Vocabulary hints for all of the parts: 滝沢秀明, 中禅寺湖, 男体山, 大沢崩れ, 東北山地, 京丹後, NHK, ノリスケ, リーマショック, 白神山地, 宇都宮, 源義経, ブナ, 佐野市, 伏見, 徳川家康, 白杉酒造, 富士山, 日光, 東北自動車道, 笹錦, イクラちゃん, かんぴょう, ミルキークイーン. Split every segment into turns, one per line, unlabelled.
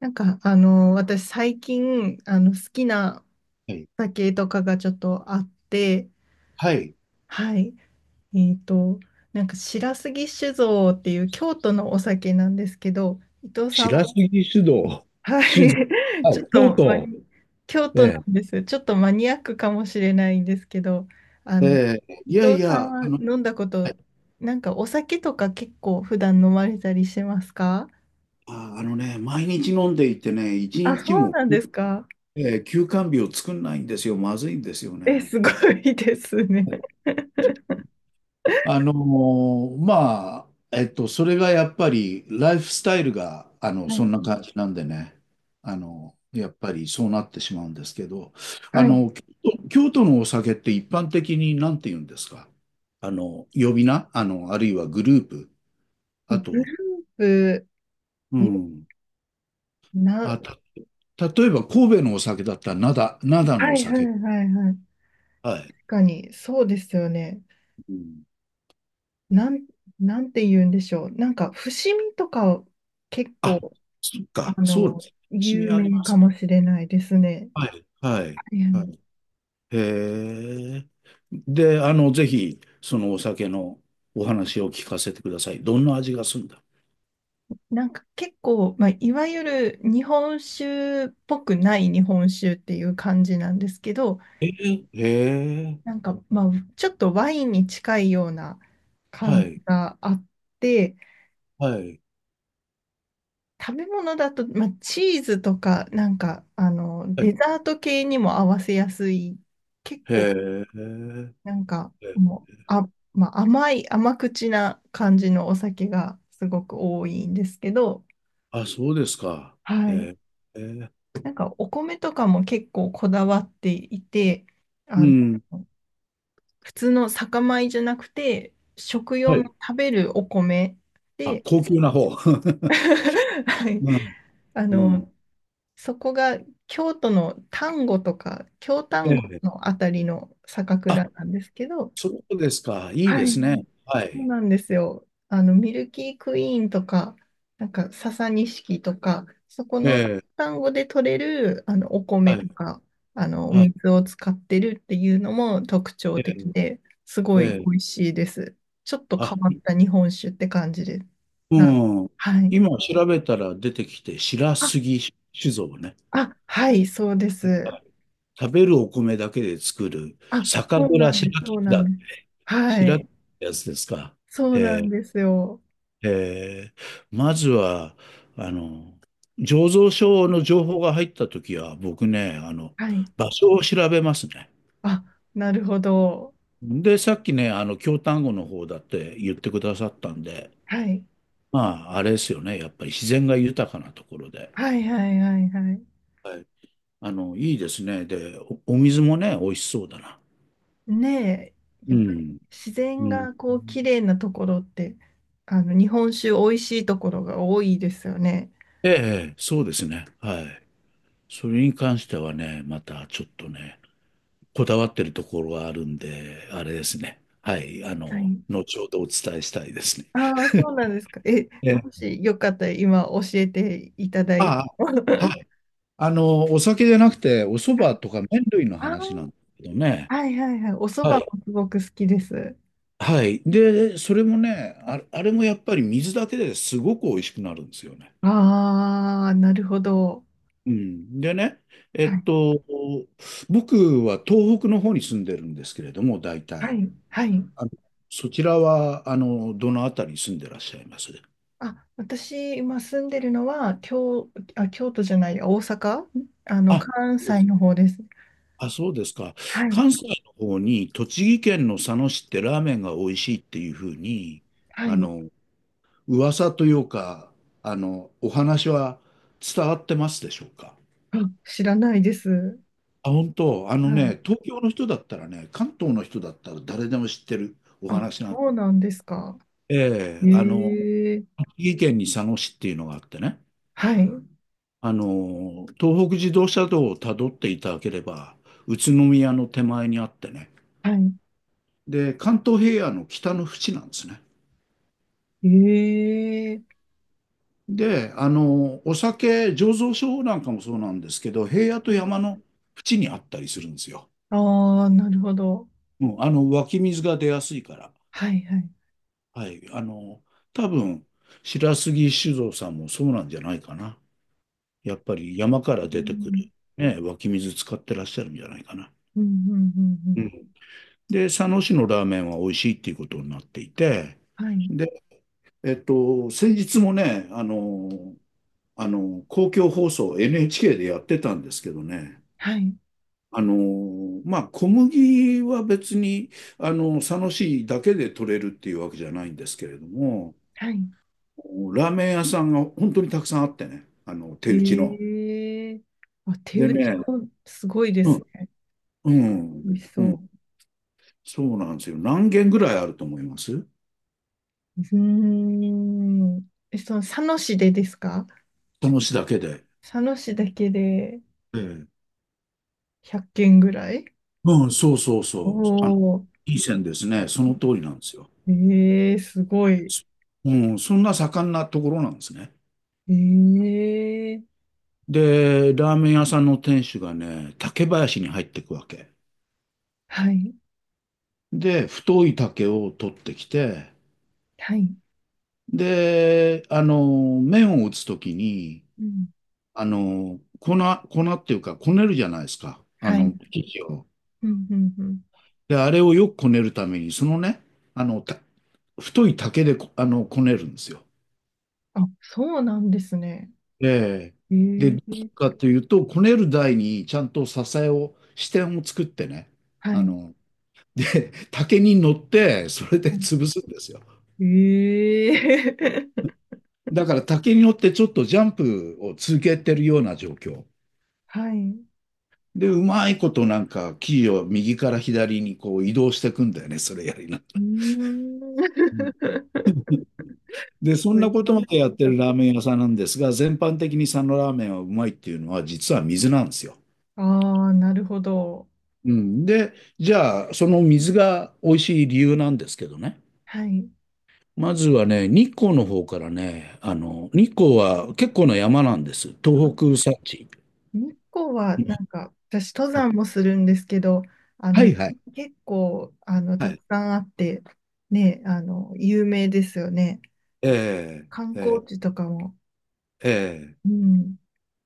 私最近、好きな
はい。
酒とかがちょっとあって、
はい。
はい。えっと、白杉酒造っていう京都のお酒なんですけど、伊藤さん、
白 杉を、
は
酒造、
い。
は
ちょ
い、
っと
京
マ
都、
ニ、京都な
ね
んです。ちょっとマニアックかもしれないんですけど、あ
え、
の、
い
伊
やい
藤さん
や、
は飲んだこ
は
と、
い。
なんかお酒とか結構普段飲まれたりしますか？
あ、あのね、毎日飲んでいてね、一
あ、そ
日
う
も、
なんですか。
休肝日を作んないんですよ。まずいんですよ
え、
ね。
すごいですね。
まあ、それがやっぱり、ライフスタイルが、
は
そ
い。
んな感じなんでね、やっぱりそうなってしまうんですけど、あ
はい
の、京京都のお酒って一般的に何て言うんですか？呼び名あるいはグループ
ブ
あと、
え、
うん。
な、
あ、例えば神戸のお酒だったら、灘の
は
お
いはい
酒。
はいはい。
はい。
確かに、そうですよね。
うん。
なん、なんて言うんでしょう。なんか、伏見とか、結
あ、
構、
そっか、
あ
そうで
の、
す。趣
有
味あり
名
ま
か
す。
もしれないですね。
はい、はい、
いや、
はい。へえ。で、ぜひ、そのお酒のお話を聞かせてください。どんな味がするんだ？
なんか結構、まあ、いわゆる日本酒っぽくない日本酒っていう感じなんですけど、
えー、へ
な
え。
んか、まあ、ちょっとワインに近いような感
は
じ
い、
があって、
はい、
食べ物だと、まあ、チーズとか、なんか、
は
デ
い。
ザート系にも合わせやすい、結
へ
構、
え。
なんか、
え、
もう、あ、まあ、甘口な感じのお酒がすごく多いんですけど、
あ、そうですか。へ
はい。
え。へえ。
なんか、お米とかも結構こだわっていて、あ
う
の、
ん。
普通の酒米じゃなくて、食用
は
の
い。
食べるお米
あ、
で、
高級な方。
はい。
うん、
あ
うん。
の、そこが京都の丹後とか、京
え
丹後
え。
のあたりの酒蔵
あ、
なんですけど、
そうですか。いいで
はい。
すね。は
そう
い。
なんですよ。あの、ミルキークイーンとか、なんか、笹錦とか、そこ
え
のン
え。
ゴで取れる、あの、お米
はい。
とか、あの、お
はい。
水を使ってるっていうのも特徴
え
的
え。
で、す
え
ごい美
え。
味しいです。ちょっと
あ、
変わった日本酒って感じです。
う
なん
ん。
はい。
今調べたら出てきて、白
あ、
杉酒造ね。
あ、はい、そうです。
食べるお米だけで作る
あ、
酒
そうな
蔵
んです、
白
そう
木
なんで
だ。
す。は
白木っ
い。
てやつですか？
そうなん
え
ですよ。
まずは、あの、醸造所の情報が入ったときは、僕ね、
はい。
場所を調べますね。
あ、なるほど。
で、さっきね、京丹後の方だって言ってくださったんで、
はい。
まあ、あれですよね。やっぱり自然が豊かなところで。
はいはいはいはい。
はい。いいですね。で、お水もね、美味しそうだな。
ね、え、や
う
っぱり
ん。
自然
うん。
がこう綺麗なところって、日本酒美味しいところが多いですよね。
ええ、そうですね。はい。それに関してはね、またちょっとね、こだわってるところがあるんで、あれですね。はい。
はい。
後ほどお伝えしたいですね。
ああ、そうなんですか。え、
ええ、
もしよかったら今教えていただいて
あ
も。
あ、
は
は
い、
い。お酒じゃなくて、お蕎麦とか麺類の
あー、
話なんですけどね。
はいはいはい。お蕎
はい。
麦もすごく好きです。
はい。で、それもね、あれもやっぱり水だけですごく美味しくなるんですよね。
ああ、なるほど。
うん、でね、え
は
っ
い、
と、僕は東北の方に住んでるんですけれども、大
は
体。
い、はい。
あのそちらは、どのあたりに住んでらっしゃいます？
あ、私、今住んでるのは、京、あ、京都じゃない、大阪、あの、
あ、
関
そうで
西
す
の方です。
あ、そうですか。
はい、
関西の方に、栃木県の佐野市ってラーメンが美味しいっていうふうに、
は
あ
い。
の、噂というか、お話は伝わってますでしょうか？
あ、知らないです。
あ、本当、あの
はい。
ね、東京の人だったらね、関東の人だったら誰でも知ってるお
あ、
話なん。
そうなんですか。
え
え
え、
え、
栃木県に佐野市っていうのがあってね、
はい、
東北自動車道をたどっていただければ、宇都宮の手前にあってね、
は
で、関東平野の北の淵なんですね。
い。ええ、
で、お酒醸造所なんかもそうなんですけど、平野と
はい。
山の淵にあったりするんですよ。
ああ、なるほど。
うん、湧き水が出やすいから。
はい、はい。
はい、多分、白杉酒造さんもそうなんじゃないかな。やっぱり山か
う
ら出てく
ん、
る、ね、湧き水使ってらっしゃるんじゃないかな。
うん、うん、うん。う
う
ん、
ん。で、佐野市のラーメンは美味しいっていうことになっていて、
はい、
で、先日もね、公共放送 NHK でやってたんですけどね、
はい、
まあ、小麦は別に、佐野市だけで取れるっていうわけじゃないんですけれども、
はい。
ラーメン屋さんが本当にたくさんあってね、手
え
打ちの。
え、あ、手
で
打ち
ね、
もすごいで
う
す
ん、
ね。
うん、
美味し
う
そ
ん。
う。
そうなんですよ。何件ぐらいあると思います？
うーん。え、その佐野市でですか？
その市だけで。
佐野市だけで
ええ。
100件ぐらい？
うん、そうそう
お、
そう。
お
いい線ですね。その通りなんですよ。
ー、えー、すごい。
そうん、そんな盛んなところなんですね。
えー、
で、ラーメン屋さんの店主がね、竹林に入っていくわけ。
はい、
で、太い竹を取ってきて、
はい、
で、麺を打つときに、
うん、
あの、粉、粉っていうか、こねるじゃないですか。
はい、
生地を。
うん、うん、うん。
で、あれをよくこねるために、そのね、あの、た太い竹でこねるんですよ。
あ、そうなんですね。
ええ。
え
で、どうする
ー、
かというと、こねる台にちゃんと支えを、支点を作ってね、
は
あ
い、は
の、竹に乗って、それで潰すんですよ。
い、えー、
だから竹に乗ってちょっとジャンプを続けてるような状況。
はい、
で、うまいことなんか生地を右から左にこう移動していくんだよね、それやりなが
うーん。
ら。う ん。で、そ
こ
ん
れ
なこ
そ
と
ん
ま
な
でやってる
に
ラーメン屋さんなんですが、全般的に佐野ラーメンはうまいっていうのは実は水なんですよ。
ああー、なるほど。
うん、で、じゃあ、その水が美味しい理由なんですけどね。
はい。
まずはね、日光の方からね、日光は結構な山なんです。東北山地。
日光は
うん。
なんか私登山もするんですけど、あ
は
の
いはい。
結構
は
たく
い。
さんあってね、あの有名ですよね。
え
観
ー、え
光地とかも、
ー、えー
うん、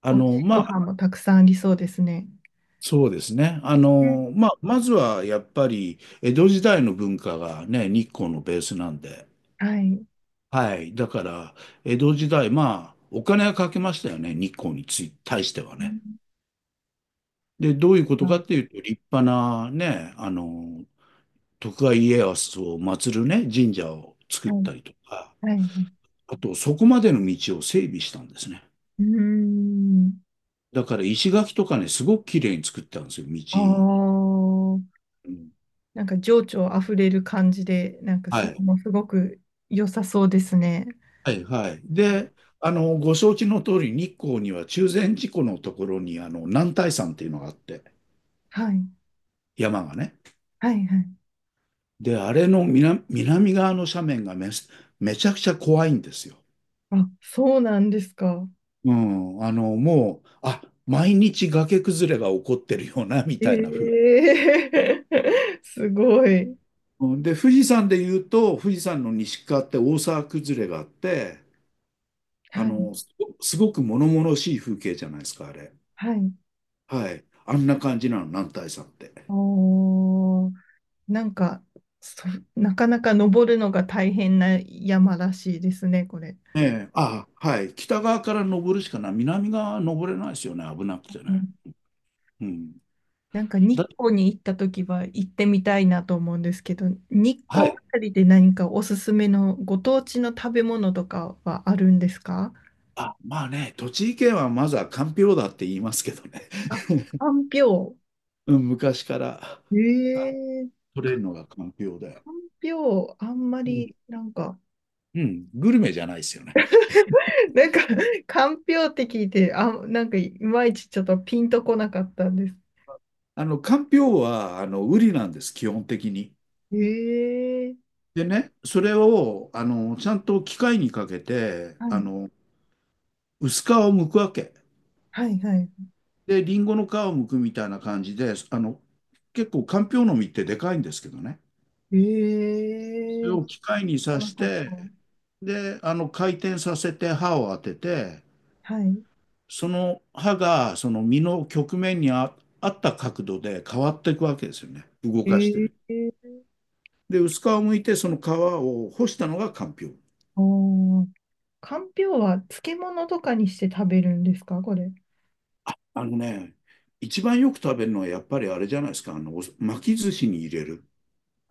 美味しいご
ま
飯
あ、
もたくさんありそうですね。
そうですね。
ね、
まあ、まずはやっぱり、江戸時代の文化がね、日光のベースなんで。
はい。
はい。だから、江戸時代、まあ、お金はかけましたよね、日光に対しては
う
ね。
ん、
で、どういうこ
は
とか
い。
っていうと、立派なね、徳川家康を祀るね、神社を作っ
はい
たりとか、
はい。
あと、そこまでの道を整備したんですね。
うーん。
だから、石垣とかね、すごく綺麗に作ったんですよ、道。
ああ、
うん、
なんか情緒あふれる感じで、なんか
は
それ
い。
もすごく良さそうですね。
はい、はい。で、ご承知の通り、日光には中禅寺湖のところに、男体山っていうのがあって、
はい。
山がね。
はいはい。
で、あれの南側の斜面がめちゃくちゃ怖いんですよ。
あ、そうなんですか。
うん、もう、毎日崖崩れが起こってるよな、み
え
たいな風。
え、 すごい。
うん。で、富士山で言うと、富士山の西側って大沢崩れがあって、
はい、
すごく物々しい風景じゃないですか、あれ。
はい。
はい。あんな感じなの、男体山って。
おー、なんか、そ、なかなか登るのが大変な山らしいですね、これ。
ええ、あ、はい。北側から登るしかない。南側は登れないですよね、危なくて
う
ね。
ん、
うん。
なんか日
だ、
光に行った時は行ってみたいなと思うんですけど、日
は
光あ
い。
たりで何かおすすめのご当地の食べ物とかはあるんですか？
あ、まあね、栃木県はまずはかんぴょうだって言いますけどね。
あ、かんぴょ
うん、昔から。
う。ええ、
取れるのが環境で。
かんぴょう、あんま
うん。
りなんか
うん、グルメじゃないですよね。
なんか、かんぴょうって聞いて、あ、なんかいまいちちょっとピンとこなかったんです。
かんぴょうは、ウリなんです、基本的に。
ええ、
でね、それを、ちゃんと機械にかけて、
はい、
薄皮を剥くわけ。
はい、はい。
で、リンゴの皮を剥くみたいな感じで、結構、かんぴょうの実ってでかいんですけどね。
え
それ
え、
を
知
機械に
ら
刺
な
し
かっ
て、
た。
で、回転させて刃を当てて、
はい。
その刃が、その実の曲面にあった角度で変わっていくわけですよね。動かして
え
る。
え、
で、薄皮を剥いて、その皮を干したのがかんぴょう。
おー、かんぴょうは漬物とかにして食べるんですか、これ。
あのね、一番よく食べるのはやっぱりあれじゃないですか、お巻き寿司に入れる。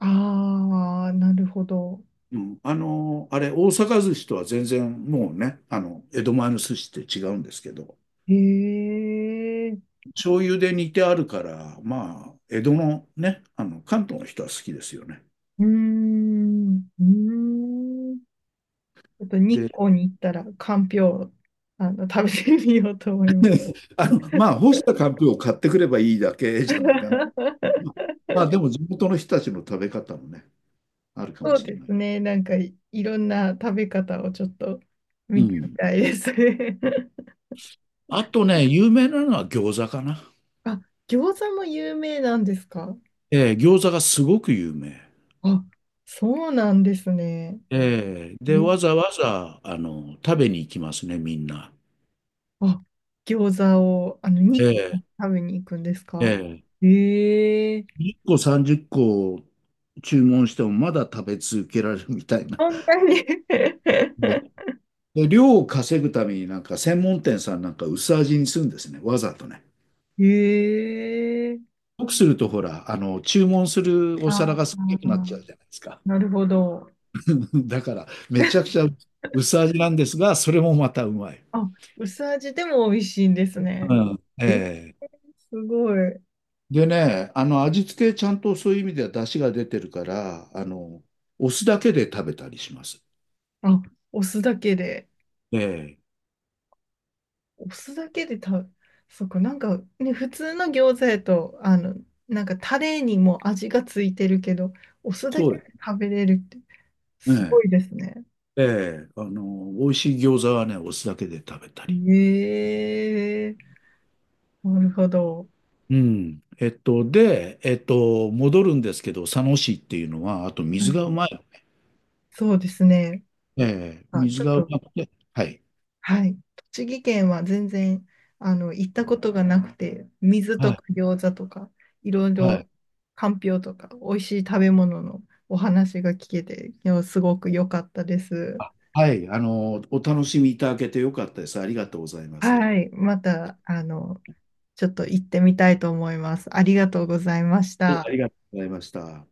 ああ、なるほど。
うん、あれ、大阪寿司とは全然もうね、江戸前の寿司って違うんですけど、
ええ、
醤油で煮てあるから、まあ、江戸のね、関東の人は好きですよね。
うーん、うーん。ちょっと日
で、
光に行ったら、かんぴょう、あの、食べてみようと思います。
まあ、干したかんぴょうを買ってくればいいだけじゃないかな。まあ、でも地元の人たちの食べ方もね、あるかも
そう
しれ
で
な
す
い。
ね。いろんな食べ方をちょっと
う
見てみ
ん。
たいですね。
あとね、有名なのは餃子かな。
あ、餃子も有名なんですか？
餃子がすごく有名。
あ、そうなんですね。
で、
え、
わざわざ、食べに行きますね、みんな。
あ、餃子を、あの、に軒
え
食べに行くんです
ー
か？
えー
ええ、
1個30個注文してもまだ食べ続けられるみたいな。
そんなに？
ね。で量を稼ぐためになんか専門店さんなんか薄味にするんですね、わざとね。
ええ、
よくするとほら、注文するお
あ
皿が少なくなっ
あ、
ちゃうじゃないですか。
なるほど。
だから、めちゃくちゃ薄味なんですが、それもまたうまい。
あ、薄味でも美味しいんですね。
う
えー、
ん。ええ。
すごい。
でね、味付けちゃんとそういう意味では出汁が出てるから、お酢だけで食べたりします。
あ、お酢だけで。
ええ、
お酢だけで食べ、そっか、なんかね、普通の餃子やと、あの、なんかタレにも味がついてるけど、お酢だ
そう
け
で
で食べれるって、
す
すご
ね。
いですね。
ええ、美味しい餃子はね、お酢だけで食べたり。
ええ、なるほど。
うん。で、戻るんですけど、佐野市っていうのは、あと
は
水
い、
がうまい。
そうですね。
ええ、
あ、
水
ちょっ
がう
と、
まくて、はい。
はい。栃木県は全然、あの、行ったことがなくて、水
は
とか
い。
餃子とか、いろい
は
ろ、
い。
かんぴょうとか、美味しい食べ物のお話が聞けて、いやすごく良かったです。
あ、はい。お楽しみいただけてよかったです。ありがとうございます。は
はい。また、あの、ちょっと行ってみたいと思います。ありがとうございまし
い。あ
た。
りがとうございました。